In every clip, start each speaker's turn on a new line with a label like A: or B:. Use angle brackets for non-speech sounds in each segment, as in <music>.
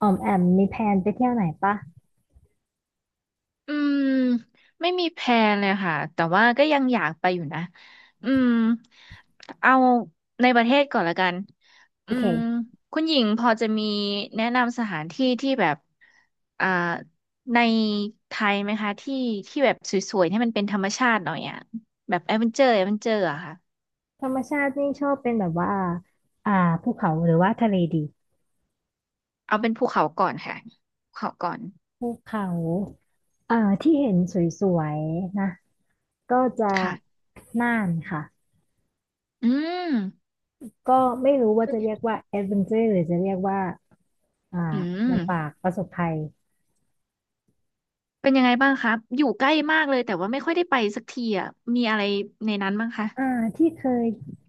A: อ๋อมแอมมีแพลนไปเที่ยวไหนปะ
B: อืมไม่มีแพลนเลยค่ะแต่ว่าก็ยังอยากไปอยู่นะอืมเอาในประเทศก่อนละกัน
A: โอ
B: อื
A: เค
B: มคุณหญิงพอจะมีแนะนำสถานที่ที่แบบอ่าในไทยไหมคะที่ที่แบบสวยๆให้มันเป็นธรรมชาติหน่อยอ่ะแบบแอดเวนเจอร์แอดเวนเจอร์อะค่ะ
A: ธรรมชาตินี่ชอบเป็นแบบว่าอ่าภูเขาหรือว่าทะเลดี
B: เอาเป็นภูเขาก่อนค่ะภูเขาก่อน
A: ภูเขาอ่าที่เห็นสวยๆนะก็จะ
B: ค่ะ
A: น่านค่ะ
B: อืม
A: ก็ไม่รู้ว่าจะเรียกว่าแอดเวนเจอร์หรือจะเรียกว่าอ่า
B: อืม
A: ลำบากประสบภัย
B: เป็นยังไงบ้างครับอยู่ใกล้มากเลยแต่ว่าไม่ค่อยได้ไปสักทีอ่ะ มีอะไรในนั้นบ้างคะ
A: อ่าที่เคย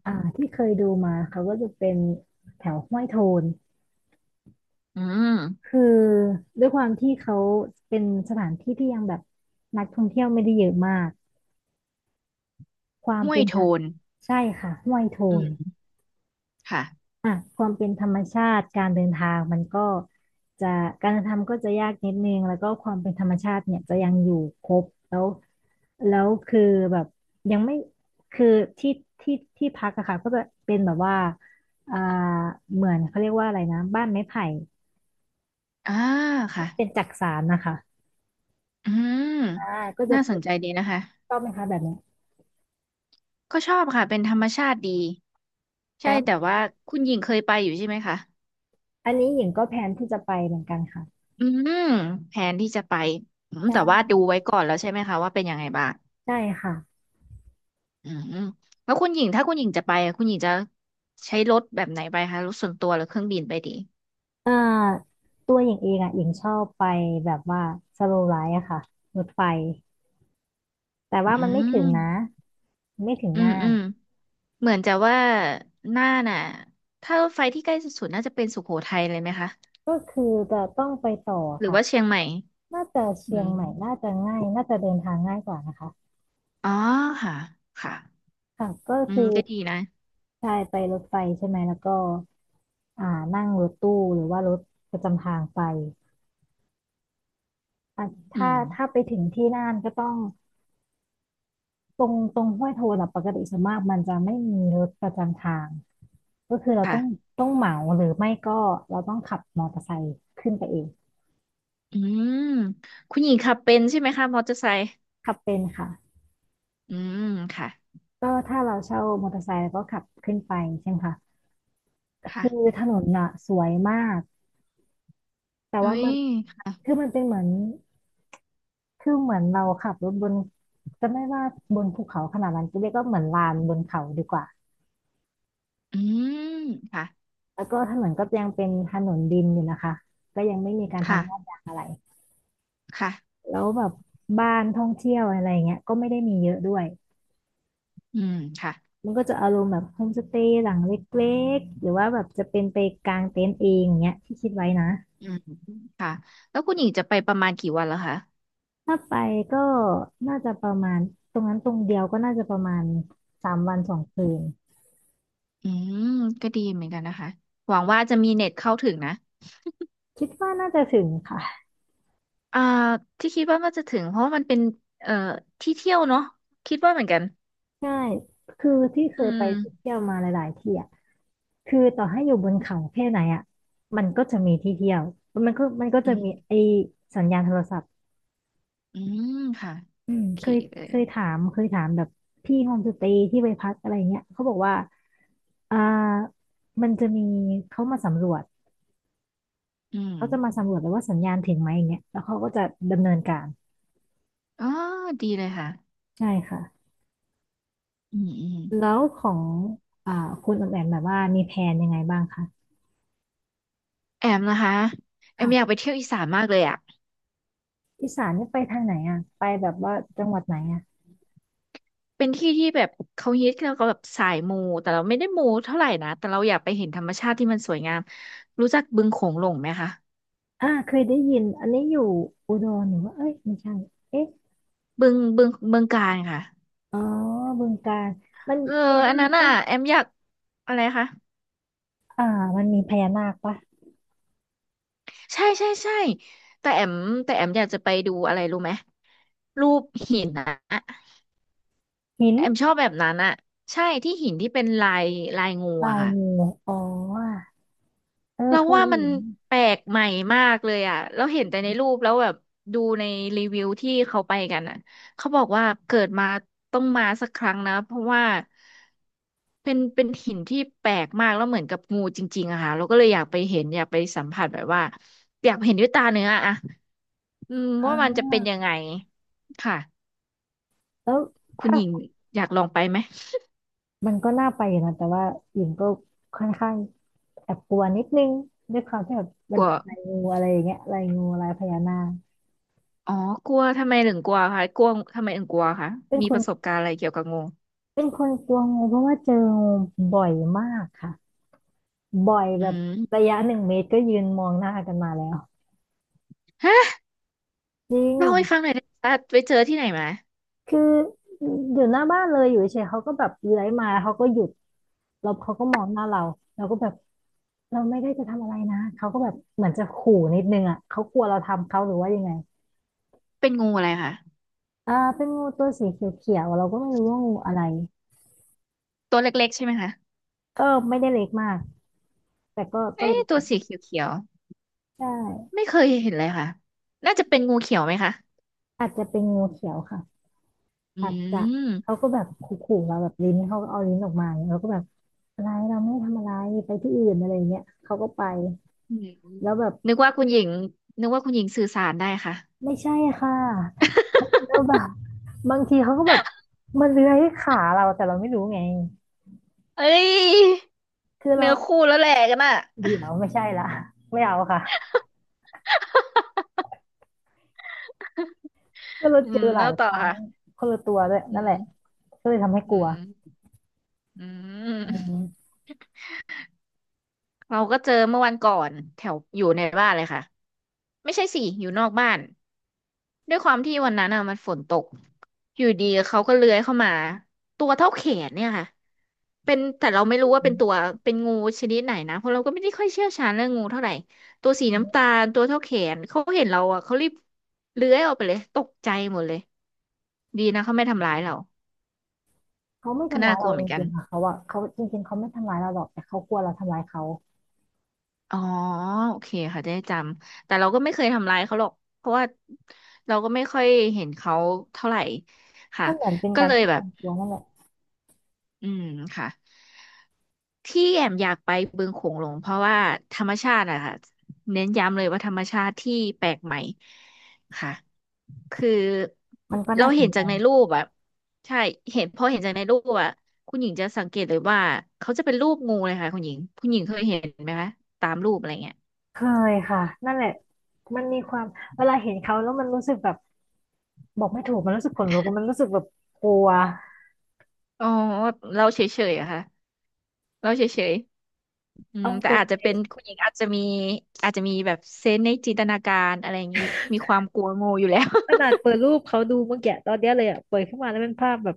A: ที่เคยดูมาเขาก็จะเป็นแถวห้วยโทน
B: อืม
A: คือด้วยความที่เขาเป็นสถานที่ที่ยังแบบนักท่องเที่ยวไม่ได้เยอะมาก ความ
B: ห้ว
A: เป็
B: ย
A: นธ
B: โท
A: รรม
B: น
A: ใช่ค่ะห้วยโท
B: อื
A: น
B: มค่ะ
A: อ่ะความเป็นธรรมชาติการเดินทางมันก็จะการเดินทางก็จะยากนิดนึงแล้วก็ความเป็นธรรมชาติเนี่ยจะยังอยู่ครบแล้วแล้วคือแบบยังไม่คือที่ที่ที่พักอะค่ะก็จะเป็นแบบว่าอ่าเหมือนเขาเรียกว่าอะไรนะบ้านไม้ไผ่
B: อ่า
A: ที่
B: ค่ะ
A: เป็นจักสานนะคะ
B: อืม
A: อ่าก็จะ
B: น่าส
A: เป็
B: น
A: น
B: ใจดีนะคะ
A: ชอบไหมคะแบบเนี้ย
B: ก็ชอบค่ะ เป็นธรรมชาติดี ใช่
A: แล้ว
B: แต่ว่าคุณหญิงเคยไปอยู่ใช่ไหมคะ
A: อันนี้หญิงก็แพลนที่จะไปเหมือนกันค่ะ
B: อืม แผนที่จะไปแต่ว่า
A: ใช่
B: ดูไว้ก่อนแล้วใช่ไหมคะว่าเป็นยังไงบ้าง
A: ใช่ค่ะ
B: อืม แล้วคุณหญิงถ้าคุณหญิงจะไปอะคุณหญิงจะใช้รถแบบไหนไปคะรถส่วนตัวหรือเครื่องบินไปดี
A: อ่าตัวหญิงเองอ่ะหญิงชอบไปแบบว่าสโลว์ไลท์อะค่ะรถไฟแต่ว่า
B: อื
A: มันไม่ถึงนะ
B: ม
A: ไม่ถึง
B: อืม
A: น่า
B: อื
A: น
B: ม เหมือนจะว่าน่านน่ะถ้ารถไฟที่ใกล้สุดๆน่าจะเป็นสุโขทัยเลยไหมคะ
A: ก็คือจะต้องไปต่อ
B: หรือ
A: ค่ะ
B: ว่าเชียงใหม่
A: น่าจะ
B: อื
A: เชียง
B: ม
A: ใหม่น่าจะง่ายน่าจะเดินทางง่ายกว่านะคะ
B: อ๋อค่ะค่ะ
A: ค่ะก็
B: อื
A: คื
B: ม
A: อ
B: ก็ดีนะ
A: ใช่ไปรถไฟใช่ไหมแล้วก็อ่านั่งรถตู้หรือว่ารถประจำทางไปอ่ะ
B: อื
A: ถ้า
B: ม
A: ไปถึงที่น่านก็ต้องตรงห้วยโทนอะปกติส่วนมากมันจะไม่มีรถประจำทาง ก็คือเรา
B: ค่ะ
A: ต้องเหมาหรือไม่ก็เราต้องขับมอเตอร์ไซค์ขึ้นไปเอง
B: อืมคุณหญิงขับเป็นใช่ไหมคะมอเตอร์ไซค์
A: ขับเป็นค่ะ
B: อืมค่ะ
A: ก็ถ้าเราเช่ามอเตอร์ไซค์เราก็ขับขึ้นไปใช่ไหมคะคือ
B: ค่ะ
A: ถนนน่ะสวยมากแต่
B: อุ้
A: ว่า
B: ย
A: มันคือ
B: ค่ะ
A: มันเป็นเหมือนคือเหมือนเราขับรถบนจะไม่ว่าบนภูเขาขนาดนั้นก็เรียกก็เหมือนลานบนเขาดีกว่า
B: อืมค่ะ
A: แล้วก็ถนนก็ยังเป็นถนนดินอยู่นะคะก็ยังไม่มีการ
B: ค่ะ
A: ทำลาดยางอะไร
B: ค่ะ
A: แล้วแบบบ้านท่องเที่ยวอะไรเงี้ยก็ไม่ได้มีเยอะด้วย
B: อืมค่ะ
A: มันก็จะอารมณ์แบบโฮมสเตย์หลังเล็กๆหรือว่าแบบจะเป็นไปกลางเต็นท์เองอย่างเงี้ยที่คิดไว้นะ
B: อืมแล้วคุณหญิงจะไปประมาณกี่วันแล้วคะ
A: ถ้าไปก็น่าจะประมาณตรงนั้นตรงเดียวก็น่าจะประมาณ3 วัน 2 คืน
B: อืมก็ดีเหมือนกันนะคะหวังว่าจะมีเน็ตเข้าถึงนะ
A: คิดว่าน่าจะถึงค่ะ
B: อ่าที่คิดว่ามันจะถึงเพราะว่ามันเป็นเอ่อที่เที่ยวเนาะคิดว่าเหมือนกัน
A: ใช่คือที่เค
B: อื
A: ยไป
B: ม
A: เที่ยวมาหลายๆที่อ่ะคือต่อให้อยู่บนเขาแค่ไหนอ่ะมันก็จะมีที่เที่ยวมันก็
B: อื
A: จะ
B: ม
A: มีไอสัญญาณโทรศัพท์
B: อืมค่ะ
A: อืม
B: โอเค
A: เคย
B: เลย
A: เคยถามแบบพี่โฮมสเตย์ที่ไปพักอะไรเงี้ยเขาบอกว่าอ่า มันจะมีเขามาสำรวจ
B: อืม
A: เขาจะมาสำรวจแล้วว่าสัญญาณถึงไหมอย่างเงี้ยแล้วเขาก็จะดำเนินการ
B: อ๋อดีเลยค่ะ
A: ใช่ค่ะ
B: อืมอืม
A: แล้วของอ่าคุณออมแอมแบบว่ามีแผนยังไงบ้างคะ
B: แอมนะคะแอมอยากไป
A: ค่ะ
B: เที่ยวอีสานมากเลยอ่ะ
A: อีสานนี่ไปทางไหนอ่ะไปแบบว่าจังหวัดไหนอ่ะ
B: เป็นที่ที่แบบเขาฮิตแล้วก็แบบสายมูแต่เราไม่ได้มูเท่าไหร่นะแต่เราอยากไปเห็นธรรมชาติที่มันสวยงามรู้จักบึงโขงหลงไหมคะ
A: เคยได้ยินอันนี้อยู่อุดรหรือว่าเอ้ยไม่ใช่เอ๊ะ
B: บึงกาฬค่ะ
A: อ๋อบึงกาฬมัน
B: เอ
A: มี
B: อ
A: พญา
B: อัน
A: นาค
B: นั้นอ่ะ
A: ปะ
B: แอมอยากอะไรคะ
A: อ่ามันมีพญานาคปะ
B: ใช่ใช่ใช่แต่แอมแต่แอมอยากจะไปดูอะไรรู้ไหมรูปหินนะ
A: หิน
B: แอมชอบแบบนั้นอะใช่ที่หินที่เป็นลายลายงู
A: ลา
B: อะ
A: ย
B: ค่ะ
A: มืออ๋อเออ
B: เรา
A: เคย
B: ว่ามัน
A: เห็น
B: แปลกใหม่มากเลยอะเราเห็นแต่ในรูปแล้วแบบดูในรีวิวที่เขาไปกันอะเขาบอกว่าเกิดมาต้องมาสักครั้งนะเพราะว่าเป็นหินที่แปลกมากแล้วเหมือนกับงูจริงๆอะค่ะเราก็เลยอยากไปเห็นอยากไปสัมผัสแบบว่าอยากเห็นด้วยตาเนื้ออะ อืม
A: อ่
B: ว่ามัน
A: า
B: จะเป็นยังไงค่ะ
A: แล้ว
B: คุณ
A: ถ้า
B: หญิงอยากลองไปไหม
A: มันก็น่าไปอยู่นะแต่ว่าหญิงก็ค่อนข้างแอบกลัวนิดนึงด้วยความที่แบบมั
B: ก
A: น
B: ลัว
A: เป็นลายงูอะไรอย่างเงี้ยลายงูลายพญานาค
B: อ๋อกลัวทำไมถึงกลัวคะกลัวทำไมถึงกลัวคะ
A: เป็น
B: มี
A: ค
B: ป
A: น
B: ระสบการณ์อะไรเกี่ยวกับงู
A: กลัวงูเพราะว่าเจองูบ่อยมากค่ะบ่อย
B: อื
A: แบบระ
B: ม
A: ยะ1 เมตรก็ยืนมองหน้ากันมาแล้ว
B: ฮะ
A: จริ
B: เล่าให้
A: ง
B: ฟังหน่อยได้ไหมคะไปเจอที่ไหนมา
A: คืออยู่หน้าบ้านเลยอยู่เฉยๆเขาก็แบบเลื้อยมาแล้วเขาก็หยุด แล้วเขาก็มองหน้าเราเราก็แบบเราไม่ได้จะทำอะไรนะเขาก็แบบเหมือนจะขู่นิดนึงอ่ะเขากลัวเราทำเขาหรือว่ายังไง
B: เป็นงูอะไรคะ
A: เป็นงูตัวสีเขียวๆเราก็ไม่รู้ว่างูอะไร
B: ตัวเล็กๆใช่ไหมคะ
A: ก็ไม่ได้เล็กมากแต่ก็เล็
B: เอ๊ะ
A: กอ
B: ตัว
A: ยู่
B: สีเขียว
A: ใช่
B: ๆไม่เคยเห็นเลยค่ะน่าจะเป็นงูเขียวไหมคะ
A: อาจจะเป็นงูเขียวค่ะ
B: อื
A: อาจจะเขา
B: ม
A: ก็แบบขู่ๆเราแบบลิ้นเขาก็เอาลิ้นออกมาอย่างเงี้ยเราก็แบบอะไรเราไม่ได้ทำอะไรไปที่อื่นอะไรอย่างเงี้ยเขาก็ไป
B: อืม
A: แล้วแบบ
B: นึกว่าคุณหญิงนึกว่าคุณหญิงสื่อสารได้ค่ะ
A: ไม่ใช่ค่ะแล้วแบบบางทีเขาก็แบบมันเลื้อยขาเราแต่เราไม่รู้ไง
B: เอ้ย
A: คือเรา
B: เนื้อคู่แล้วแหละกันอ่ะ
A: เดี๋ยวไม่ใช่ละไม่เอาค่ะก็เรา
B: อื
A: เจ
B: ม
A: อห
B: แล้
A: ลา
B: ว
A: ย
B: ต่
A: ค
B: อ
A: รั้ง
B: ค่ะ
A: คนละตัวด้วย
B: อื
A: นั่นแหละ
B: ม
A: ก็เลยทำให้
B: อื
A: กลัว
B: มอื
A: อื
B: ม
A: ม
B: เราก็เจอเมื่อวันก่อนแถวอยู่ในบ้านเลยค่ะไม่ใช่สิอยู่นอกบ้านด้วยความที่วันนั้นอ่ะมันฝนตกอยู่ดีเขาก็เลื้อยเข้ามาตัวเท่าแขนเนี่ยค่ะเป็นแต่เราไม่รู้ว่าเป็นตัวเป็นงูชนิดไหนนะเพราะเราก็ไม่ได้ค่อยเชี่ยวชาญเรื่องงูเท่าไหร่ตัวสีน้ำตาลตัวเท่าแขนเขาเห็นเราอ่ะเขารีบเลื้อยออกไปเลยตกใจหมดเลยดีนะเขาไม่ทำร้ายเรา
A: เขาไม่
B: ก็
A: ทำ
B: น่า
A: ร้าย
B: กลั
A: เรา
B: วเห
A: จ
B: มือนกัน
A: ริงๆค่ะเขาอะเขาจริงๆเขาไม่ทำร้ายเราหรอกแต่เขากลัวเราทำร้ายเขา
B: อ๋อโอเคค่ะได้จำแต่เราก็ไม่เคยทำร้ายเขาหรอกเพราะว่าเราก็ไม่ค่อยเห็นเขาเท่าไหร่ค่ะ
A: มันเหมือนเป็น
B: ก็
A: การ
B: เลย
A: ป้อง
B: แบ
A: กั
B: บ
A: นตัวนั่นแหละ
B: อืมค่ะที่แอมอยากไปบึงโขงหลงเพราะว่าธรรมชาติอะค่ะเน้นย้ำเลยว่าธรรมชาติที่แปลกใหม่ค่ะคือ
A: มันก็
B: เรา
A: น่าส
B: เห็
A: น
B: น
A: ใจ
B: จากในรูปอะใช่เห็นจากในรูปอะคุณหญิงจะสังเกตเลยว่าเขาจะเป็นรูปงูเลยค่ะคุณหญิงเคยเห็นไหมคะตามรูปอะไรเงี้ย
A: เคยค่ะนั่นแหละมันมีความเวลาเห็นเขาแล้วมันรู้สึกแบบบอกไม่ถูกมันรู้สึกขนลุกมันรู้สึกแบบกลัว
B: อ๋อเราเฉยๆอะค่ะ เราเฉยๆอื
A: เอา
B: มแต่
A: ตรง
B: อาจจะ
A: เล
B: เป็
A: ย
B: นคุณหญิงอาจจะมีแบบเซนส์ในจินตนาการอะไรอย่างนี้ มีความกลัวงูอยู่แล้ว
A: ขนาดเปิดรูปเขาดูเมื่อกี้ตอนเนี้ยเลยอ่ะเปิดขึ้นมาแล้วเป็นภาพแบบ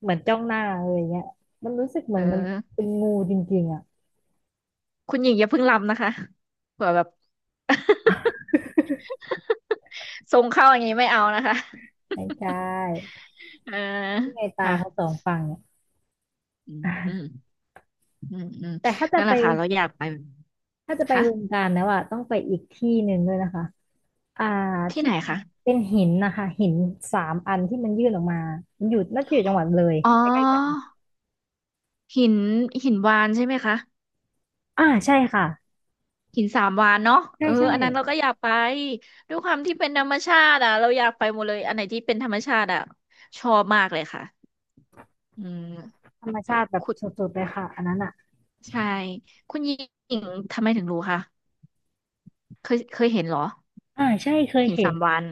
A: เหมือนจ้องหน้าเลยอย่างเงี้ยมันรู้สึกเหมื
B: <laughs>
A: อ
B: เอ
A: นมัน
B: อ
A: เป็นงูจริงๆอ่ะ
B: คุณหญิงอย่าเพิ่งลำนะคะเผื่อแบบ <laughs> ทรงเข้าอย่างนี้ไม่เอานะคะ
A: ไม่ใช่
B: <laughs> เออ
A: ที่ไงตา
B: ค่ะ
A: เขาสองฝั่งเนี่ย
B: อืมอืม
A: <laughs>
B: อืมอืม
A: แต่ถ้าจะ
B: นั่นแห
A: ไป
B: ละค่ะเราอยากไป
A: ถ้าจะไปบึง
B: ค่ะ
A: กาฬแล้วอ่ะต้องไปอีกที่หนึ่งด้วยนะคะอ่า
B: ที่
A: ที่
B: ไหนคะ
A: เป็นหินนะคะหินสามอันที่มันยื่นออกมามันอยู่น่าจะอยู่จังหวัดเลย
B: อ๋
A: ใกล้ๆกัน
B: อ หินหินวานใช่ไหมคะ
A: อ่าใช่ค่ะ
B: หินสามวานเนาะเอ
A: ใช่
B: อ
A: ใช่
B: อันนั้นเราก็อยากไปด้วยความที่เป็นธรรมชาติอ่ะเราอยากไปหมดเลยอันไหนที่เป็นธรรมชาติอ่ะชอบมากเลยค่ะอืม
A: ธรรมชาติแบบ
B: คุณ
A: สุดๆเลยค่ะอันนั้นอ่ะ
B: ใช่คุณหญิงทำไมถึงรู้คะเคยเห็นเหรอ
A: อ่าใช่เคย
B: หิน
A: เห็
B: สา
A: น
B: มวาน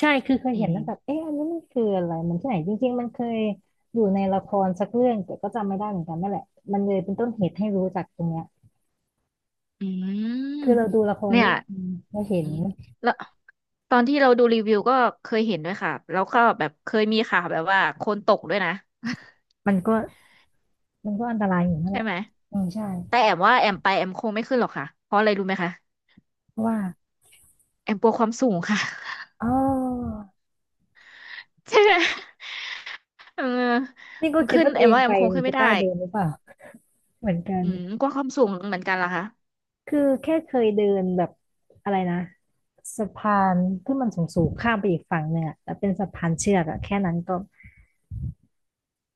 A: ใช่คือเคย
B: อื
A: เห็น
B: ม
A: แล้วแบบเอ๊ะอันนี้มันคืออะไรมันที่ไหนจริงๆมันเคยอยู่ในละครสักเรื่องแต่ก็จำไม่ได้เหมือนกันนั่นแหละมันเลยเป็นต้นเหตุให้รู้จักตรงเนี้ย
B: อื
A: คือ
B: ม
A: เราดูละคร
B: เนี่ย
A: เรื่องนึงเราเห็
B: อื
A: น
B: มแล้วตอนที่เราดูรีวิวก็เคยเห็นด้วยค่ะแล้วก็แบบเคยมีข่าวแบบว่าคนตกด้วยนะ
A: มันก็มันก็อันตรายอยู่นั่นแห
B: ใช่
A: ละ
B: ไหม
A: อืมใช่
B: แต่แอมว่าแอมไปแอมคงไม่ขึ้นหรอกค่ะเพราะอะไรรู้ไหมคะ
A: เพราะว่า
B: แอมกลัวความสูงค่ะ
A: อ๋อ
B: ใช่ไหมเออ
A: นี่ก็
B: มัน
A: คิด
B: ขึ้น
A: ว่าตั
B: แอ
A: วเอ
B: ม
A: ง
B: ว่าแอ
A: ไป
B: มคง
A: เนี่
B: ขึ้
A: ย
B: น
A: จะ
B: ไม่
A: ก
B: ได้
A: ล้าเดินหรือเปล่า <laughs> เหมือนกัน
B: อืมกลัวความสูงเหมือนกันล่ะคะ
A: คือแค่เคยเดินแบบอะไรนะสะพานที่มันสูงๆข้ามไปอีกฝั่งหนึ่งอะแต่เป็นสะพานเชือกอะแค่นั้นก็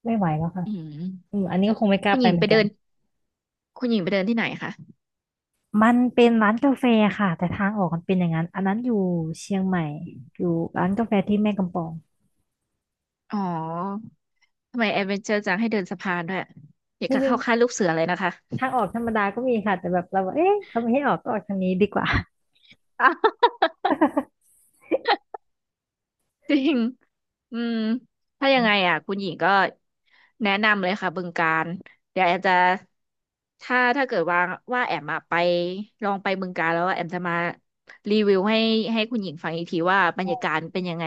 A: ไม่ไหวแล้วค่ะ
B: อืม
A: อืมอันนี้ก็คงไม่กล้า
B: คุณ
A: ไป
B: หญิง
A: เหมื
B: ไป
A: อนกั
B: เดิ
A: น
B: นคุณหญิงไปเดินที่ไหนคะ
A: มันเป็นร้านกาแฟค่ะแต่ทางออกมันเป็นอย่างนั้นอันนั้นอยู่เชียงใหม่อยู่ร้านกาแฟที่แม่กำปอง
B: อ๋อทำไมแอดเวนเจอร์จังให้เดินสะพานด้วยอยาก
A: นี่
B: จะ
A: นึง
B: เข้าค่ายลูกเสือเลยนะคะ
A: ทางออกธรรมดาก็มีค่ะแต่แบบเราบอกเอ๊ะเขาไม่ให้ออกก็ออกทางนี้ดีกว่า
B: อ้าว
A: <laughs>
B: จริงอืมถ้ายังไงอ่ะคุณหญิงก็แนะนำเลยค่ะบึงกาฬเดี๋ยวแอมจะถ้าเกิดว่าแอมอะไปลองไปบึงกาฬแล้วแอมจะมารีวิวให้คุณหญิงฟังอีกทีว่าบรรยากาศเป็นยังไง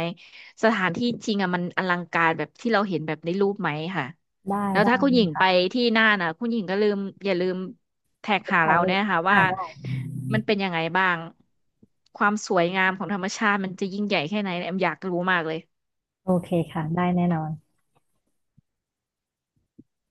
B: สถานที่จริงอ่ะมันอลังการแบบที่เราเห็นแบบในรูปไหมค่ะ
A: ได้
B: แล้ว
A: ได้
B: ถ้าคุณหญิงไป
A: ค่ะ
B: ที่น่านอ่ะคุณหญิงก็อย่าลืมแท็กหา
A: ถ่าย
B: เรา
A: รู
B: เนี่
A: ป
B: ยค่ะ
A: อ่า
B: ว่า
A: ได้
B: มันเป็นยังไงบ้างความสวยงามของธรรมชาติมันจะยิ่งใหญ่แค่ไหนแอมอยากรู้มากเลย
A: โอเคค่ะได้แน่นอน